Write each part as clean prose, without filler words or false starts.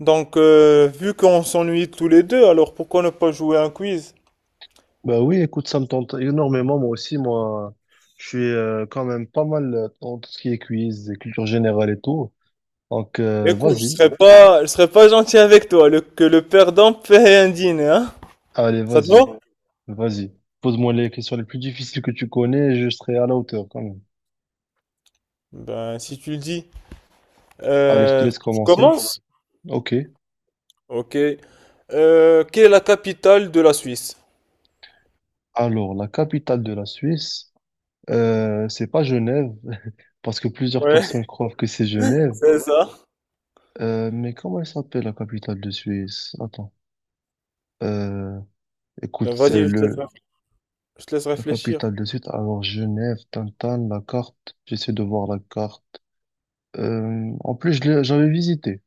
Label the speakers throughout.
Speaker 1: Vu qu'on s'ennuie tous les deux, alors pourquoi ne pas jouer à un quiz?
Speaker 2: Bah oui, écoute, ça me tente énormément, moi aussi, moi, je suis quand même pas mal dans tout ce qui est quiz, et culture générale et tout.
Speaker 1: Écoute,
Speaker 2: Vas-y,
Speaker 1: je serais pas gentil avec toi, que le perdant paie un dîner, hein?
Speaker 2: allez,
Speaker 1: Ça te va?
Speaker 2: vas-y, vas-y. Pose-moi les questions les plus difficiles que tu connais, et je serai à la hauteur quand même.
Speaker 1: Ben, si tu le dis.
Speaker 2: Allez, je te
Speaker 1: Euh,
Speaker 2: laisse
Speaker 1: tu
Speaker 2: commencer.
Speaker 1: commences?
Speaker 2: Ok.
Speaker 1: Ok. Quelle est la capitale de la Suisse?
Speaker 2: Alors, la capitale de la Suisse, c'est pas Genève, parce que plusieurs
Speaker 1: Ouais,
Speaker 2: personnes croient que c'est Genève.
Speaker 1: c'est ça.
Speaker 2: Mais comment elle s'appelle la capitale de Suisse? Attends. Euh,
Speaker 1: Ben,
Speaker 2: écoute, c'est
Speaker 1: vas-y,
Speaker 2: le
Speaker 1: je te laisse
Speaker 2: La
Speaker 1: réfléchir.
Speaker 2: capitale de suite, alors Genève, Tintin, la carte, j'essaie de voir la carte. En plus, j'avais visité.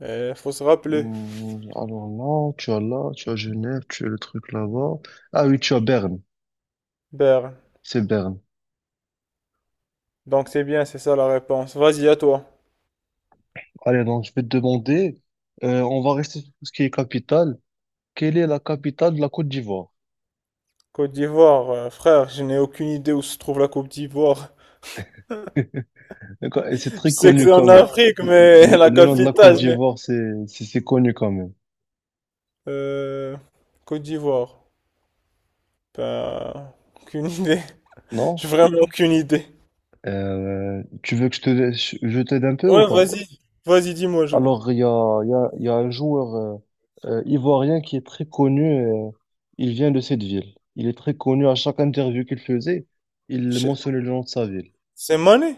Speaker 1: Il faut se rappeler.
Speaker 2: Alors là, tu as Genève, tu as le truc là-bas. Ah oui, tu as Berne,
Speaker 1: Berne.
Speaker 2: c'est Berne.
Speaker 1: Donc c'est bien, c'est ça la réponse. Vas-y, à toi.
Speaker 2: Allez, donc je vais te demander, on va rester sur tout ce qui est capitale. Quelle est la capitale de la Côte d'Ivoire?
Speaker 1: Côte d'Ivoire, frère, je n'ai aucune idée où se trouve la Côte d'Ivoire.
Speaker 2: D'accord, et c'est
Speaker 1: Je
Speaker 2: très
Speaker 1: sais que
Speaker 2: connu
Speaker 1: c'est
Speaker 2: quand
Speaker 1: en
Speaker 2: même.
Speaker 1: Afrique,
Speaker 2: Le,
Speaker 1: mais la
Speaker 2: le nom de la Côte
Speaker 1: capitale, je n'ai-
Speaker 2: d'Ivoire, c'est connu quand même,
Speaker 1: Euh, Côte d'Ivoire. Ben, aucune idée. J'ai
Speaker 2: non?
Speaker 1: vraiment aucune idée.
Speaker 2: Tu veux que je t'aide un peu ou
Speaker 1: Ouais,
Speaker 2: pas?
Speaker 1: vas-y. Vas-y, dis-moi.
Speaker 2: Alors, il y a un joueur ivoirien qui est très connu. Euh, il vient de cette ville. Il est très connu. À chaque interview qu'il faisait, il
Speaker 1: je-
Speaker 2: mentionnait le nom de sa ville.
Speaker 1: C'est Mané?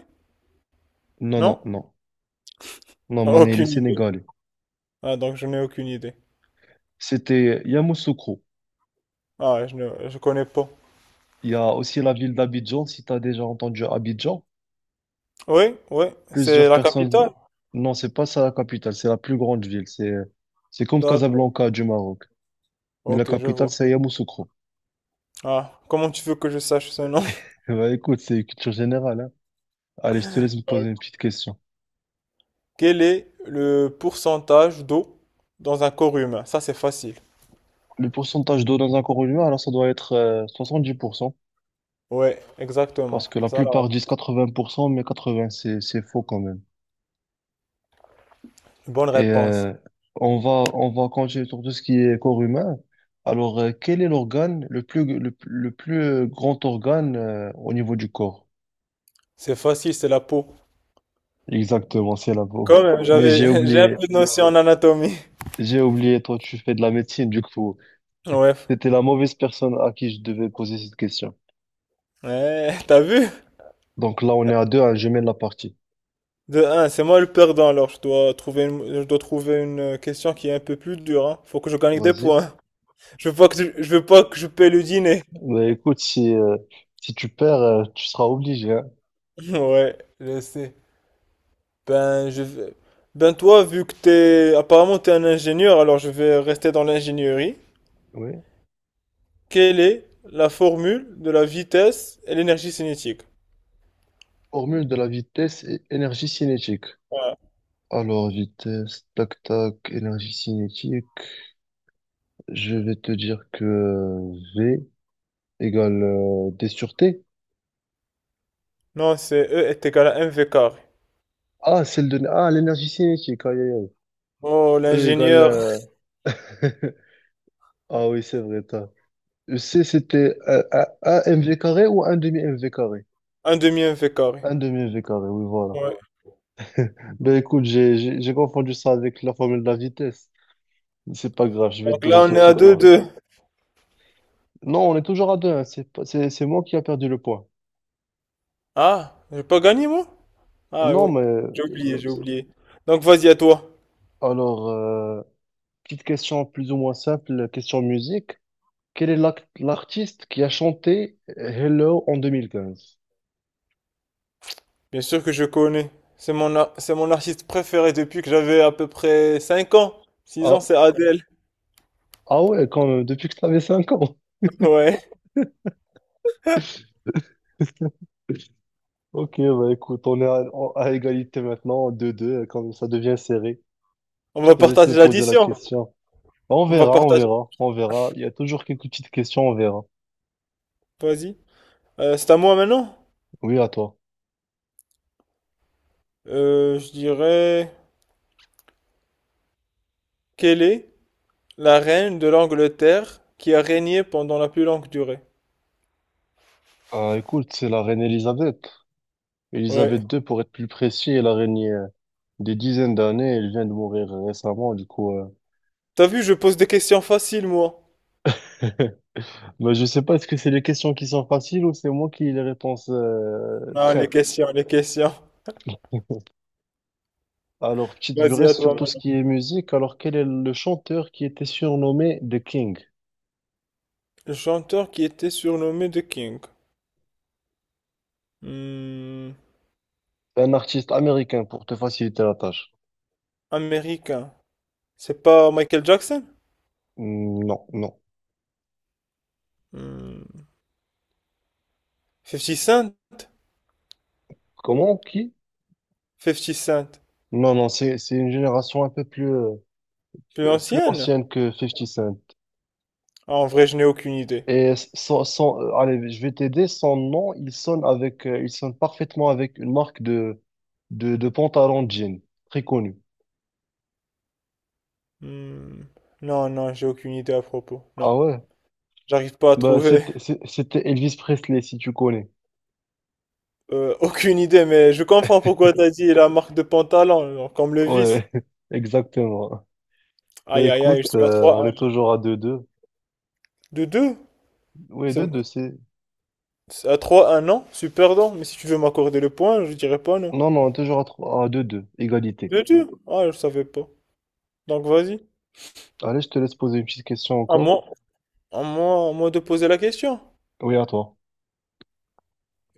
Speaker 2: Non,
Speaker 1: Non?
Speaker 2: non, non. Non,
Speaker 1: Ah,
Speaker 2: Mané, il est
Speaker 1: aucune idée.
Speaker 2: sénégalais.
Speaker 1: Ah, donc je n'ai aucune idée.
Speaker 2: C'était Yamoussoukro.
Speaker 1: Ah, je ne je connais pas.
Speaker 2: Il y a aussi la ville d'Abidjan. Si tu as déjà entendu Abidjan,
Speaker 1: Oui, oui, c'est
Speaker 2: plusieurs
Speaker 1: la
Speaker 2: personnes...
Speaker 1: capitale.
Speaker 2: Non, c'est pas ça la capitale. C'est la plus grande ville. C'est comme
Speaker 1: D'accord.
Speaker 2: Casablanca du Maroc. Mais la
Speaker 1: Ok, je
Speaker 2: capitale,
Speaker 1: vois.
Speaker 2: c'est Yamoussoukro.
Speaker 1: Ah, comment tu veux que je sache ce nom?
Speaker 2: Bah, écoute, c'est culture générale, hein. Allez, je te
Speaker 1: Ah,
Speaker 2: laisse me poser une
Speaker 1: ok.
Speaker 2: petite question.
Speaker 1: Quel est le pourcentage d'eau dans un corps humain? Ça, c'est facile.
Speaker 2: Le pourcentage d'eau dans un corps humain, alors ça doit être 70%,
Speaker 1: Ouais, exactement.
Speaker 2: parce que la
Speaker 1: Ça, là.
Speaker 2: plupart disent 80%, mais 80%, c'est faux quand même.
Speaker 1: Bonne
Speaker 2: Et
Speaker 1: réponse.
Speaker 2: euh, on va continuer sur tout ce qui est corps humain. Alors, quel est l'organe, le plus grand organe au niveau du corps?
Speaker 1: C'est facile, c'est la peau.
Speaker 2: Exactement, c'est la peau.
Speaker 1: Quand même,
Speaker 2: Mais
Speaker 1: j'avais, j'ai un peu de notion en anatomie.
Speaker 2: j'ai oublié, toi, tu fais de la médecine, du coup.
Speaker 1: Ouais.
Speaker 2: C'était la mauvaise personne à qui je devais poser cette question.
Speaker 1: Ouais, t'as vu?
Speaker 2: Donc là, on est à deux, hein, je mène la partie.
Speaker 1: De un, c'est moi le perdant, alors je dois je dois trouver une question qui est un peu plus dure, hein. Faut que je gagne des
Speaker 2: Vas-y.
Speaker 1: points. Je veux pas que je veux pas que je paie le dîner.
Speaker 2: Mais écoute, si tu perds, tu seras obligé, hein.
Speaker 1: Ouais, je sais. Ben, je vais- Ben toi, vu que t'es, apparemment t'es un ingénieur, alors je vais rester dans l'ingénierie.
Speaker 2: Oui.
Speaker 1: Quelle est la formule de la vitesse et l'énergie cinétique?
Speaker 2: Formule de la vitesse et énergie cinétique. Alors, vitesse, tac, tac, énergie cinétique. Je vais te dire que V égale D sur T.
Speaker 1: Non, c'est E est égal à mv carré.
Speaker 2: Ah, celle de... Ah, l'énergie cinétique. Aïe, aïe, aïe.
Speaker 1: Oh,
Speaker 2: E égale...
Speaker 1: l'ingénieur,
Speaker 2: Ah oui, c'est vrai, t'as. E, C, c'était un MV carré ou un demi-MV carré?
Speaker 1: un demi mv carré.
Speaker 2: Un demi-MV carré, oui, voilà.
Speaker 1: Ouais.
Speaker 2: Ben écoute, j'ai confondu ça avec la formule de la vitesse. C'est pas grave, je vais te
Speaker 1: Donc
Speaker 2: donner
Speaker 1: là,
Speaker 2: ce
Speaker 1: on est
Speaker 2: petit
Speaker 1: à deux
Speaker 2: point.
Speaker 1: deux.
Speaker 2: Non, on est toujours à deux, hein. C'est pas- c'est moi qui a perdu le point.
Speaker 1: Ah, j'ai pas gagné, moi? Ah
Speaker 2: Non,
Speaker 1: oui,
Speaker 2: mais
Speaker 1: j'ai oublié. Donc vas-y, à toi.
Speaker 2: alors, petite question plus ou moins simple, question musique. Quel est l'artiste qui a chanté Hello en 2015?
Speaker 1: Bien sûr que je connais. C'est mon artiste préféré depuis que j'avais à peu près 5 ans. six
Speaker 2: Ah,
Speaker 1: ans, c'est Adèle.
Speaker 2: ah ouais, quand même, depuis que tu avais 5 ans.
Speaker 1: Ouais.
Speaker 2: Ok, bah écoute, on est à, à égalité maintenant, deux deux quand ça devient serré.
Speaker 1: On
Speaker 2: Je
Speaker 1: va
Speaker 2: te laisse me
Speaker 1: partager
Speaker 2: poser la
Speaker 1: l'addition.
Speaker 2: question. Bah, on
Speaker 1: On va
Speaker 2: verra, on
Speaker 1: partager.
Speaker 2: verra, on verra. Il y a toujours quelques petites questions, on verra.
Speaker 1: Vas-y. C'est à moi maintenant.
Speaker 2: Oui, à toi.
Speaker 1: Je dirais... Quelle est la reine de l'Angleterre qui a régné pendant la plus longue durée?
Speaker 2: Ah, écoute, c'est la reine Elisabeth.
Speaker 1: Ouais.
Speaker 2: Elisabeth II, pour être plus précis, elle a régné des dizaines d'années. Elle vient de mourir récemment, du coup. Euh,
Speaker 1: T'as vu, je pose des questions faciles, moi.
Speaker 2: bah, je sais pas, est-ce que c'est les questions qui sont faciles ou c'est moi qui les réponses
Speaker 1: Non, les
Speaker 2: traite?
Speaker 1: questions, les questions.
Speaker 2: Alors, petite du
Speaker 1: Vas-y, à
Speaker 2: reste
Speaker 1: toi
Speaker 2: sur tout ce
Speaker 1: maintenant.
Speaker 2: qui est musique. Alors, quel est le chanteur qui était surnommé The King?
Speaker 1: Le chanteur qui était surnommé The King. Hmm,
Speaker 2: Un artiste américain pour te faciliter la tâche.
Speaker 1: américain. C'est pas Michael Jackson?
Speaker 2: Hmm, non, non.
Speaker 1: Hmm, 50 Cent?
Speaker 2: Comment? Qui?
Speaker 1: 50 Cent.
Speaker 2: Non, non, c'est une génération un peu plus
Speaker 1: Plus
Speaker 2: plus
Speaker 1: ancienne?
Speaker 2: ancienne que 50 Cent.
Speaker 1: Ah, en vrai, je n'ai aucune idée.
Speaker 2: Et allez, je vais t'aider. Son nom, il sonne avec, il sonne parfaitement avec une marque de pantalon de jean, très connue.
Speaker 1: Hmm, non, non, j'ai aucune idée à propos.
Speaker 2: Ah
Speaker 1: Non,
Speaker 2: ouais?
Speaker 1: j'arrive pas à
Speaker 2: Bah,
Speaker 1: trouver.
Speaker 2: c'était Elvis Presley, si tu connais.
Speaker 1: Aucune idée, mais je comprends pourquoi t'as dit la marque de pantalon, genre, comme le vice.
Speaker 2: Ouais, exactement. Bah,
Speaker 1: Aïe, aïe, aïe, je
Speaker 2: écoute,
Speaker 1: suis à
Speaker 2: on
Speaker 1: 3-1.
Speaker 2: est toujours à deux deux.
Speaker 1: De 2?
Speaker 2: Oui, deux deux c'est.
Speaker 1: À 3, un an, c'est perdant. Mais si tu veux m'accorder le point, je dirais pas non.
Speaker 2: Non, non, on est toujours à deux deux égalité.
Speaker 1: Bien sûr. Ah, je savais pas. Donc vas-y.
Speaker 2: Allez, je te laisse poser une petite question
Speaker 1: À
Speaker 2: encore.
Speaker 1: moi, à moi de poser la question.
Speaker 2: Oui, à toi.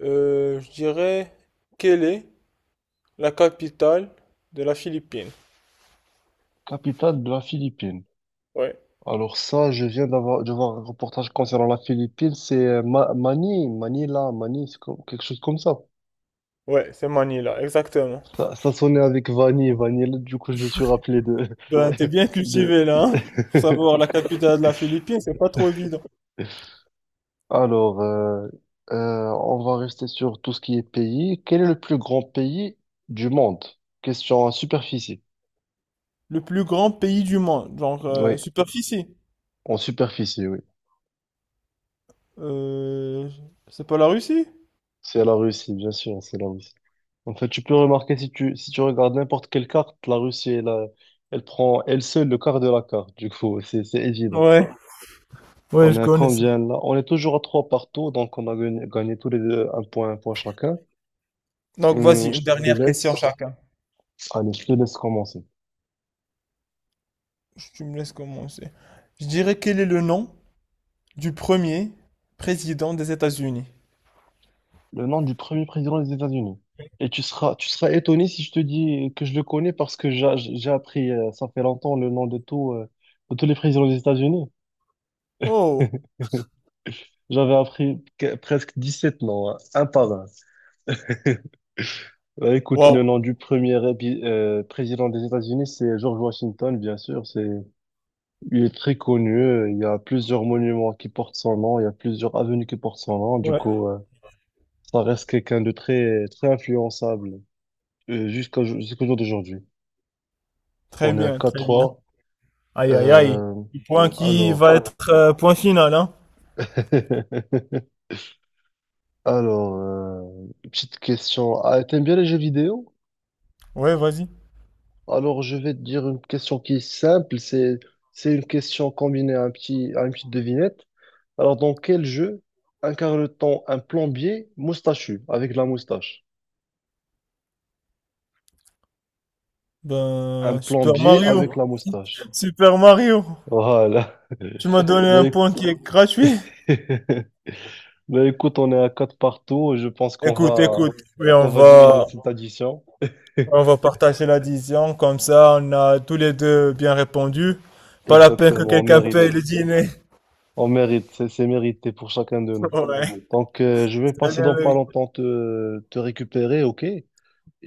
Speaker 1: Je dirais, quelle est la capitale de la Philippine?
Speaker 2: Capitale de la Philippine.
Speaker 1: Ouais.
Speaker 2: Alors ça, je viens d'avoir de voir un reportage concernant la Philippine, c'est Mani, Manila, Mani, quelque chose comme ça.
Speaker 1: Ouais, c'est Manila, exactement.
Speaker 2: Ça sonnait avec Vanille, Vanille, du coup je me suis rappelé de...
Speaker 1: Ben, t'es bien cultivé
Speaker 2: de...
Speaker 1: là, hein? Pour savoir la capitale de la Philippine, c'est pas trop évident.
Speaker 2: Alors, on va rester sur tout ce qui est pays. Quel est le plus grand pays du monde? Question en superficie.
Speaker 1: Le plus grand pays du monde,
Speaker 2: Oui,
Speaker 1: superficie.
Speaker 2: en superficie, oui.
Speaker 1: Euh, c'est pas la Russie?
Speaker 2: C'est la Russie, bien sûr, c'est la Russie. En fait, tu peux remarquer si tu regardes n'importe quelle carte, la Russie, elle prend elle seule le quart de la carte. Du coup, c'est évident.
Speaker 1: Ouais, ouais,
Speaker 2: On
Speaker 1: je
Speaker 2: est à
Speaker 1: connais.
Speaker 2: combien là? On est toujours à trois partout, donc on a gagné, gagné tous les deux un point chacun.
Speaker 1: Donc voici
Speaker 2: Je
Speaker 1: une
Speaker 2: te
Speaker 1: dernière question
Speaker 2: laisse.
Speaker 1: chacun.
Speaker 2: Allez, je te laisse commencer.
Speaker 1: Tu me laisses commencer. Je dirais quel est le nom du premier président des États-Unis?
Speaker 2: Le nom du premier président des États-Unis. Et tu seras étonné si je te dis que je le connais parce que j'ai appris, ça fait longtemps, le nom de tout, de tous les présidents des États-Unis.
Speaker 1: Oh,
Speaker 2: J'avais appris presque sept noms, hein, un par un. Bah, écoute, le
Speaker 1: wow.
Speaker 2: nom du premier président des États-Unis, c'est George Washington, bien sûr. C'est, il est très connu. Euh, il y a plusieurs monuments qui portent son nom. Il y a plusieurs avenues qui portent son nom.
Speaker 1: Ouais,
Speaker 2: Ça reste quelqu'un de très, très influençable jusqu'au jour d'aujourd'hui.
Speaker 1: très
Speaker 2: On est à
Speaker 1: bien,
Speaker 2: quatre
Speaker 1: très bien.
Speaker 2: trois.
Speaker 1: Aïe, aïe, aïe.
Speaker 2: Euh,
Speaker 1: Le point qui va
Speaker 2: alors,
Speaker 1: être point final, hein?
Speaker 2: alors, euh, petite question. Ah, t'aimes bien les jeux vidéo?
Speaker 1: Ouais, vas-y.
Speaker 2: Alors, je vais te dire une question qui est simple. C'est une question combinée à à une petite devinette. Alors, dans quel jeu incarne-t-on un plombier moustachu avec la moustache? Un
Speaker 1: Ben, Super
Speaker 2: plombier avec
Speaker 1: Mario.
Speaker 2: la moustache.
Speaker 1: Super Mario.
Speaker 2: Voilà.
Speaker 1: Tu m'as donné un
Speaker 2: Mais,
Speaker 1: point qui est gratuit.
Speaker 2: mais écoute, on est à quatre partout. Je pense
Speaker 1: Écoute, écoute.
Speaker 2: qu'on va diviser cette addition.
Speaker 1: On va partager l'addition. Comme ça, on a tous les deux bien répondu. Pas la peine que
Speaker 2: Exactement, on
Speaker 1: quelqu'un
Speaker 2: mérite.
Speaker 1: paye le dîner.
Speaker 2: On mérite, c'est mérité pour chacun de nous.
Speaker 1: Ouais,
Speaker 2: Je vais
Speaker 1: très
Speaker 2: passer
Speaker 1: bien.
Speaker 2: dans pas
Speaker 1: Loïc.
Speaker 2: longtemps te récupérer, ok? Et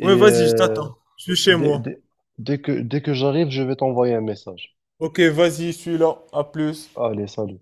Speaker 1: Oui, vas-y, je
Speaker 2: euh,
Speaker 1: t'attends. Je suis chez
Speaker 2: dès,
Speaker 1: moi.
Speaker 2: dès, dès que j'arrive, je vais t'envoyer un message.
Speaker 1: Ok, vas-y, je suis là. À plus.
Speaker 2: Allez, salut.